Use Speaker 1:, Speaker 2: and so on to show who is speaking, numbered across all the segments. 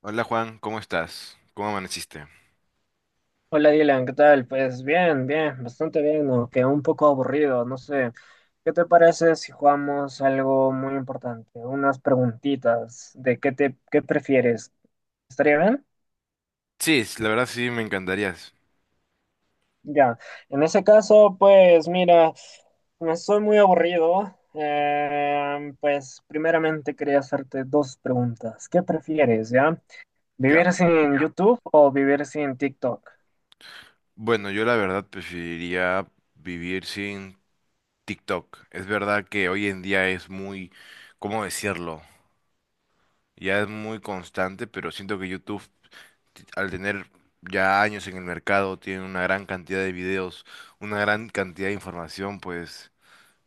Speaker 1: Hola Juan, ¿cómo estás? ¿Cómo amaneciste?
Speaker 2: Hola Dylan, ¿qué tal? Pues bien, bastante bien, aunque un poco aburrido, no sé. ¿Qué te parece si jugamos algo muy importante? Unas preguntitas de qué prefieres. ¿Estaría bien?
Speaker 1: Sí, s- la verdad sí me encantaría.
Speaker 2: Ya. En ese caso, pues mira, me estoy muy aburrido. Pues primeramente quería hacerte dos preguntas. ¿Qué prefieres, ya?
Speaker 1: Ya.
Speaker 2: ¿Vivir sin YouTube o vivir sin TikTok?
Speaker 1: Bueno, yo la verdad preferiría vivir sin TikTok. Es verdad que hoy en día es muy, ¿cómo decirlo? Ya es muy constante, pero siento que YouTube, t- al tener ya años en el mercado, tiene una gran cantidad de videos, una gran cantidad de información, pues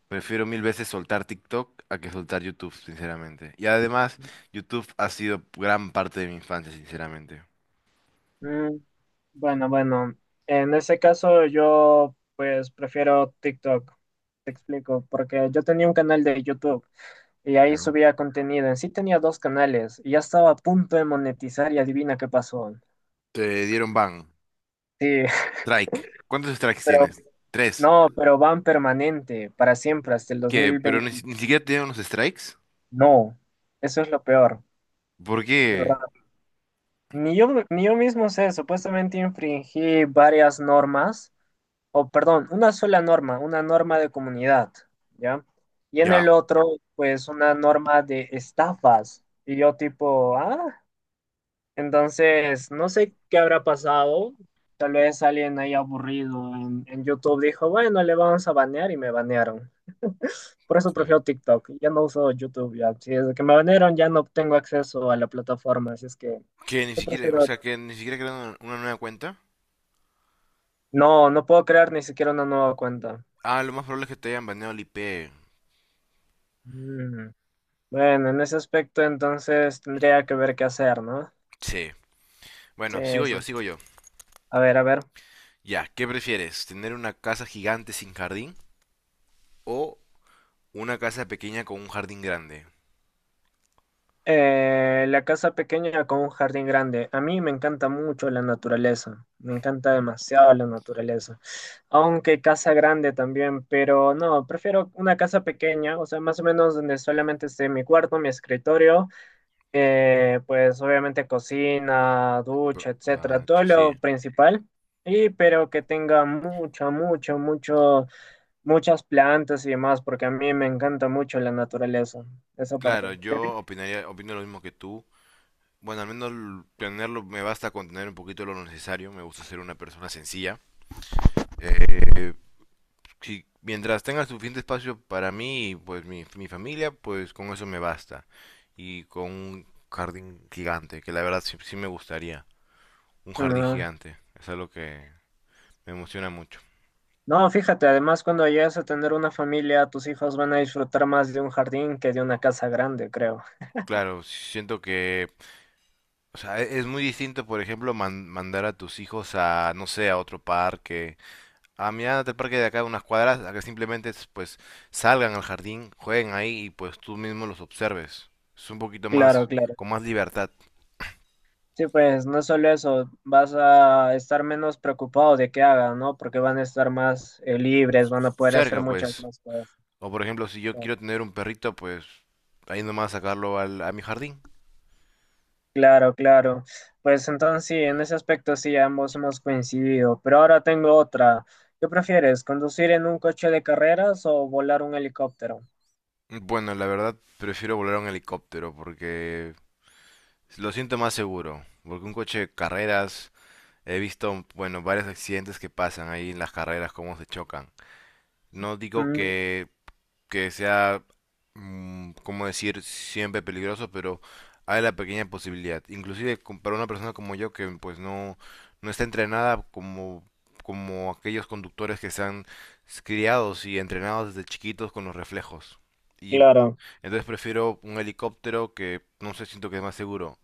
Speaker 1: prefiero mil veces soltar TikTok a que soltar YouTube, sinceramente. Y además, YouTube ha sido gran parte de mi infancia, sinceramente.
Speaker 2: Mm, bueno, en ese caso yo pues prefiero TikTok, te explico, porque yo tenía un canal de YouTube y ahí
Speaker 1: Ya.
Speaker 2: subía contenido, en sí tenía dos canales y ya estaba a punto de monetizar y adivina qué pasó.
Speaker 1: Te dieron ban.
Speaker 2: Sí,
Speaker 1: Strike. ¿Cuántos strikes
Speaker 2: pero
Speaker 1: tienes? Tres.
Speaker 2: no, pero van permanente, para siempre, hasta el dos
Speaker 1: ¿Qué?
Speaker 2: mil
Speaker 1: ¿Pero ni,
Speaker 2: veinte.
Speaker 1: si- ni siquiera tienen unos strikes?
Speaker 2: No, eso es lo peor,
Speaker 1: ¿Por
Speaker 2: de
Speaker 1: qué?
Speaker 2: verdad. Ni yo mismo sé, supuestamente infringí varias normas o perdón, una sola norma, una norma de comunidad, ¿ya? Y en
Speaker 1: Ya.
Speaker 2: el otro, pues una norma de estafas. Y yo tipo, ah, entonces, no sé qué habrá pasado. Tal vez alguien ahí aburrido en YouTube dijo, bueno, le vamos a banear y me banearon. Por eso
Speaker 1: Sí.
Speaker 2: prefiero TikTok. Ya no uso YouTube. Ya. Si desde que me banearon ya no tengo acceso a la plataforma. Así es que
Speaker 1: Que ni
Speaker 2: yo
Speaker 1: siquiera, o
Speaker 2: prefiero...
Speaker 1: sea, que ni siquiera crearon una nueva cuenta.
Speaker 2: No, no puedo crear ni siquiera una nueva cuenta.
Speaker 1: Ah, lo más probable es que te hayan baneado el IP.
Speaker 2: Mm. Bueno, en ese aspecto entonces tendría que ver qué hacer, ¿no?
Speaker 1: Sí.
Speaker 2: Sí,
Speaker 1: Bueno, sigo yo,
Speaker 2: sí, sí.
Speaker 1: sigo yo.
Speaker 2: A ver, a ver.
Speaker 1: Ya, ¿qué prefieres? ¿Tener una casa gigante sin jardín o una casa pequeña con un jardín grande?
Speaker 2: La casa pequeña con un jardín grande. A mí me encanta mucho la naturaleza. Me encanta demasiado la naturaleza. Aunque casa grande también, pero no, prefiero una casa pequeña, o sea, más o menos donde solamente esté mi cuarto, mi escritorio. Pues obviamente cocina,
Speaker 1: Pero,
Speaker 2: ducha, etcétera,
Speaker 1: ah,
Speaker 2: todo
Speaker 1: ch-
Speaker 2: lo
Speaker 1: sí.
Speaker 2: principal, y pero que tenga mucho, muchas plantas y demás, porque a mí me encanta mucho la naturaleza, esa parte.
Speaker 1: Claro,
Speaker 2: ¿Y a ti?
Speaker 1: yo opinaría, opino lo mismo que tú. Bueno, al menos l- tenerlo me basta con tener un poquito de lo necesario. Me gusta ser una persona sencilla. Eh, si, mientras tenga suficiente espacio para mí y pues mi familia, pues con eso me basta. Y con un jardín gigante, que la verdad sí, sí me gustaría. Un jardín
Speaker 2: No.
Speaker 1: gigante. Es algo que me emociona mucho.
Speaker 2: No, fíjate, además cuando llegues a tener una familia, tus hijos van a disfrutar más de un jardín que de una casa grande, creo.
Speaker 1: Claro, siento que, o sea, e- es muy distinto, por ejemplo, man- mandar a tus hijos a, no sé, a otro parque. A mi edad, del parque de acá, unas cuadras, a que simplemente es, pues salgan al jardín, jueguen ahí y pues tú mismo los observes. Es un poquito
Speaker 2: Claro,
Speaker 1: más,
Speaker 2: claro.
Speaker 1: con más libertad.
Speaker 2: Sí, pues no solo eso, vas a estar menos preocupado de qué hagan, ¿no? Porque van a estar más libres, van a poder hacer
Speaker 1: Cerca,
Speaker 2: muchas
Speaker 1: pues.
Speaker 2: más cosas.
Speaker 1: O por ejemplo, si yo
Speaker 2: ¿No?
Speaker 1: quiero tener un perrito, pues ahí nomás sacarlo al- a mi jardín.
Speaker 2: Claro, claro. Pues entonces sí, en ese aspecto sí, ambos hemos coincidido. Pero ahora tengo otra. ¿Qué prefieres, conducir en un coche de carreras o volar un helicóptero?
Speaker 1: Bueno, la verdad, prefiero volar en helicóptero porque lo siento más seguro. Porque un coche de carreras, he visto, bueno, varios accidentes que pasan ahí en las carreras, cómo se chocan. No digo
Speaker 2: Mm,
Speaker 1: que sea, cómo decir, siempre peligroso, pero hay la pequeña posibilidad. Inclusive con- para una persona como yo que pues no, no está entrenada como, como aquellos conductores que están criados y entrenados desde chiquitos con los reflejos. Y
Speaker 2: claro.
Speaker 1: entonces prefiero un helicóptero que no sé, siento que es más seguro.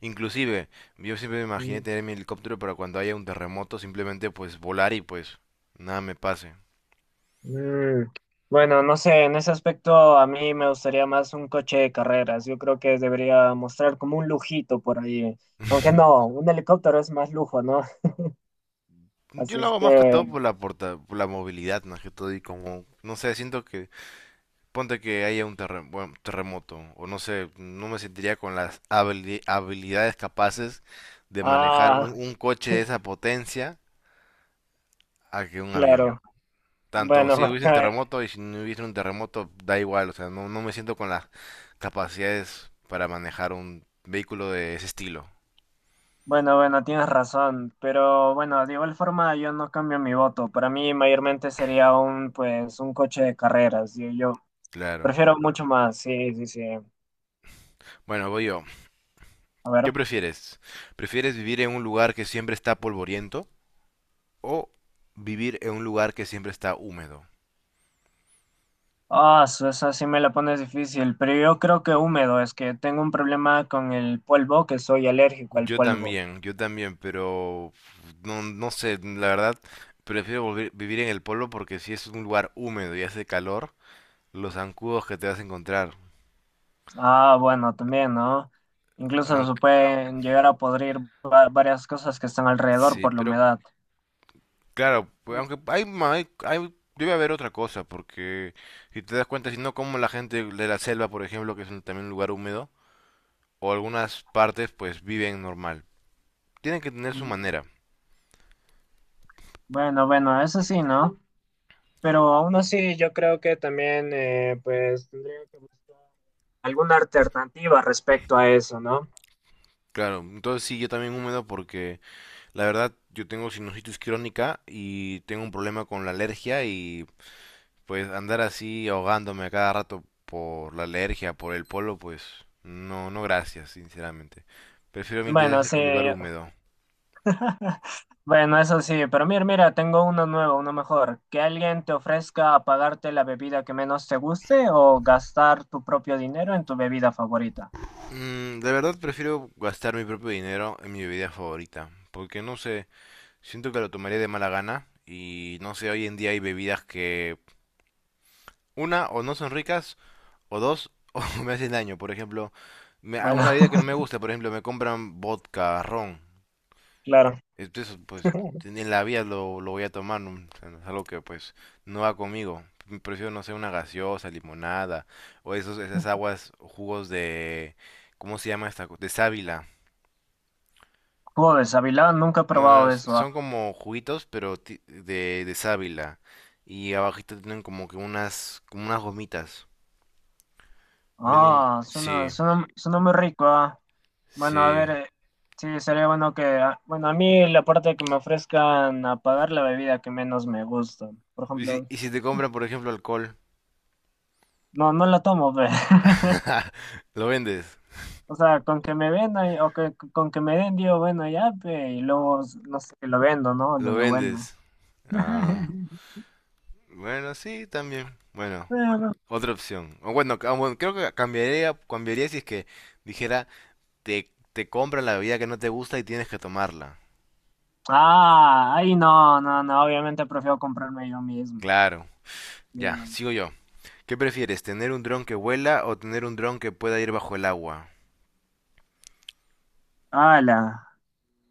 Speaker 1: Inclusive, yo siempre me imaginé tener mi helicóptero para cuando haya un terremoto, simplemente pues volar y pues nada me pase.
Speaker 2: Mm, bueno, no sé, en ese aspecto a mí me gustaría más un coche de carreras. Yo creo que debería mostrar como un lujito por ahí. Aunque no, un helicóptero es más lujo, ¿no?
Speaker 1: Yo
Speaker 2: Así
Speaker 1: lo
Speaker 2: es
Speaker 1: hago más que
Speaker 2: que,
Speaker 1: todo por la porta- por la movilidad, más que todo, y como, no sé, siento que, ponte que haya un terre- bueno, terremoto, o no sé, no me sentiría con las habili- habilidades capaces de manejar
Speaker 2: ah,
Speaker 1: un coche de esa potencia a que un avión.
Speaker 2: claro.
Speaker 1: Tanto
Speaker 2: Bueno,
Speaker 1: si hubiese un
Speaker 2: eh,
Speaker 1: terremoto y si no hubiese un terremoto, da igual, o sea, no, no me siento con las capacidades para manejar un vehículo de ese estilo,
Speaker 2: bueno, tienes razón. Pero bueno, de igual forma yo no cambio mi voto. Para mí mayormente sería un, pues, un coche de carreras. Yo
Speaker 1: claro.
Speaker 2: prefiero mucho más, sí, sí, sí.
Speaker 1: Bueno, voy yo.
Speaker 2: A
Speaker 1: ¿Qué
Speaker 2: ver.
Speaker 1: prefieres? ¿Prefieres vivir en un lugar que siempre está polvoriento o vivir en un lugar que siempre está húmedo?
Speaker 2: Ah, su- esa sí me la pones difícil, pero yo creo que húmedo, es que tengo un problema con el polvo, que soy alérgico al polvo.
Speaker 1: Yo también, pero no, no sé, la verdad, prefiero volver- vivir en el pueblo porque si es un lugar húmedo y hace calor, los zancudos que te vas a encontrar.
Speaker 2: Ah, bueno, también, ¿no? Incluso se
Speaker 1: Aunque,
Speaker 2: pueden llegar a podrir va- varias cosas que están alrededor
Speaker 1: sí,
Speaker 2: por la
Speaker 1: pero
Speaker 2: humedad.
Speaker 1: claro, pues, aunque hay, ma- hay- debe haber otra cosa, porque si te das cuenta, si no como la gente de la selva, por ejemplo, que es un- también un lugar húmedo, o algunas partes, pues viven normal. Tienen que tener su
Speaker 2: Mm,
Speaker 1: manera.
Speaker 2: bueno, eso sí, ¿no? Pero aún así, yo creo que también, pues, tendría que buscar alguna alternativa respecto a eso, ¿no?
Speaker 1: Claro, entonces sí, yo también húmedo porque la verdad, yo tengo sinusitis crónica y tengo un problema con la alergia y pues andar así ahogándome a cada rato por la alergia, por el polo, pues no, no gracias, sinceramente. Prefiero mil
Speaker 2: Bueno,
Speaker 1: veces
Speaker 2: sí,
Speaker 1: el lugar húmedo.
Speaker 2: bueno, eso sí, pero mira, mira, tengo uno nuevo, uno mejor. Que alguien te ofrezca pagarte la bebida que menos te guste o gastar tu propio dinero en tu bebida favorita.
Speaker 1: Mm, de verdad prefiero gastar mi propio dinero en mi bebida favorita, porque no sé, siento que lo tomaría de mala gana y no sé, hoy en día hay bebidas que una o no son ricas o dos o me hacen daño. Por ejemplo, me, a
Speaker 2: Bueno,
Speaker 1: una bebida que no me gusta, por ejemplo, me compran vodka, ron.
Speaker 2: claro.
Speaker 1: Entonces, pues en la vida lo voy a tomar, ¿no? O sea, no es algo que pues no va conmigo. Prefiero, no sé, una gaseosa, limonada o esos, esas aguas, jugos de... ¿Cómo se llama esta? Co- de sábila.
Speaker 2: Joder, Avilán, nunca he
Speaker 1: No, no,
Speaker 2: probado
Speaker 1: no,
Speaker 2: eso. Ah,
Speaker 1: son como juguitos, pero ti- de sábila. Y abajito tienen como que unas, como unas gomitas. Vienen,
Speaker 2: ah, suena,
Speaker 1: sí,
Speaker 2: suena, suena muy rico. Ah. Bueno, a
Speaker 1: sí,
Speaker 2: ver, sí, sería bueno que, ah, bueno, a mí la parte que me ofrezcan a pagar la bebida que menos me gusta. Por
Speaker 1: ¿y si,
Speaker 2: ejemplo,
Speaker 1: y si te compran, por ejemplo, alcohol?
Speaker 2: no, no la tomo, ve.
Speaker 1: Lo vendes,
Speaker 2: O sea, con que me vendan o que con que me den, digo, bueno, ya, pe, y luego, no sé, lo vendo, ¿no? Lo
Speaker 1: lo
Speaker 2: devuelvo.
Speaker 1: vendes. Ah, bueno, sí, también. Bueno,
Speaker 2: Pero...
Speaker 1: otra opción. O bueno, ca- bueno, creo que cambiaría, cambiaría si es que dijera, te compran la bebida que no te gusta y tienes que tomarla.
Speaker 2: Ah, ahí no, no, no, obviamente prefiero comprarme yo mismo.
Speaker 1: Claro, ya,
Speaker 2: Bien.
Speaker 1: sigo yo. ¿Qué prefieres, tener un dron que vuela o tener un dron que pueda ir bajo el agua?
Speaker 2: Ala,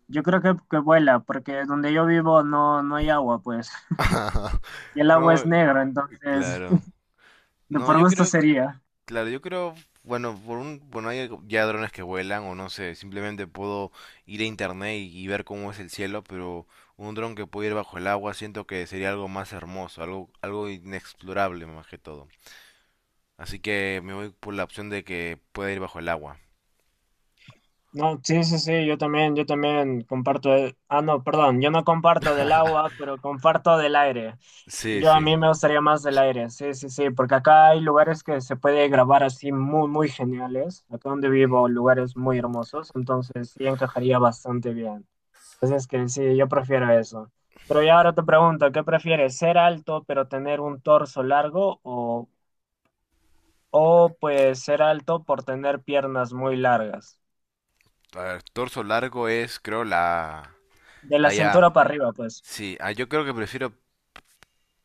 Speaker 2: yo creo que vuela, porque donde yo vivo no, no hay agua, pues. Y el agua es
Speaker 1: No,
Speaker 2: negra, entonces,
Speaker 1: claro.
Speaker 2: de
Speaker 1: No,
Speaker 2: por
Speaker 1: yo
Speaker 2: gusto
Speaker 1: creo,
Speaker 2: sería.
Speaker 1: claro, yo creo, bueno, por un, bueno, hay ya drones que vuelan o no sé, simplemente puedo ir a internet y ver cómo es el cielo, pero un dron que puede ir bajo el agua siento que sería algo más hermoso, algo, algo inexplorable más que todo. Así que me voy por la opción de que pueda ir bajo el agua.
Speaker 2: No, sí, sí, sí, yo también comparto, el- ah, no, perdón, yo no comparto del agua, pero comparto del aire.
Speaker 1: Sí,
Speaker 2: Yo a
Speaker 1: sí.
Speaker 2: mí me gustaría más del aire, sí, sí, sí, porque acá hay lugares que se puede grabar así muy geniales, acá donde vivo, lugares muy hermosos, entonces sí encajaría bastante bien. Entonces que sí, yo prefiero eso. Pero ya ahora te pregunto, ¿qué prefieres? ¿Ser alto pero tener un torso largo o pues ser alto por tener piernas muy largas?
Speaker 1: A ver, torso largo es, creo, la...
Speaker 2: De la
Speaker 1: Allá.
Speaker 2: cintura para arriba, pues.
Speaker 1: Sí, ah, yo creo que prefiero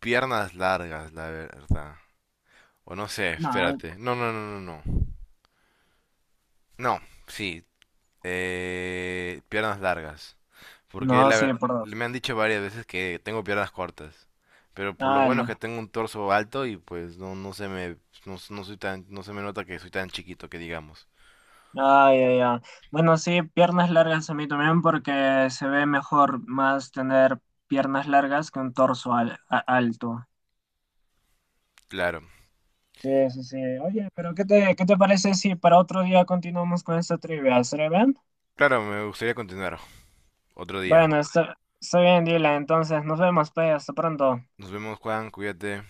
Speaker 1: piernas largas, la verdad. O no sé,
Speaker 2: No,
Speaker 1: espérate. No, no, no, no, no. No, sí, piernas largas. Porque
Speaker 2: no,
Speaker 1: la
Speaker 2: sí,
Speaker 1: ver-
Speaker 2: por dos.
Speaker 1: me han dicho varias veces que tengo piernas cortas. Pero por lo
Speaker 2: Ah,
Speaker 1: bueno
Speaker 2: lo-
Speaker 1: es que tengo un torso alto y pues no, no se me, no, no soy tan, no se me nota que soy tan chiquito que digamos.
Speaker 2: Ay, ay, ay. Bueno, sí, piernas largas a mí también porque se ve mejor más tener piernas largas que un torso al- a- alto.
Speaker 1: Claro.
Speaker 2: Sí, sí, sí. Oye, pero ¿qué te parece si para otro día continuamos con esta trivia? ¿Será bien?
Speaker 1: Claro, me gustaría continuar otro día.
Speaker 2: Bueno, está bien, Dylan. Entonces, nos vemos, pues. Hasta pronto.
Speaker 1: Nos vemos, Juan, cuídate.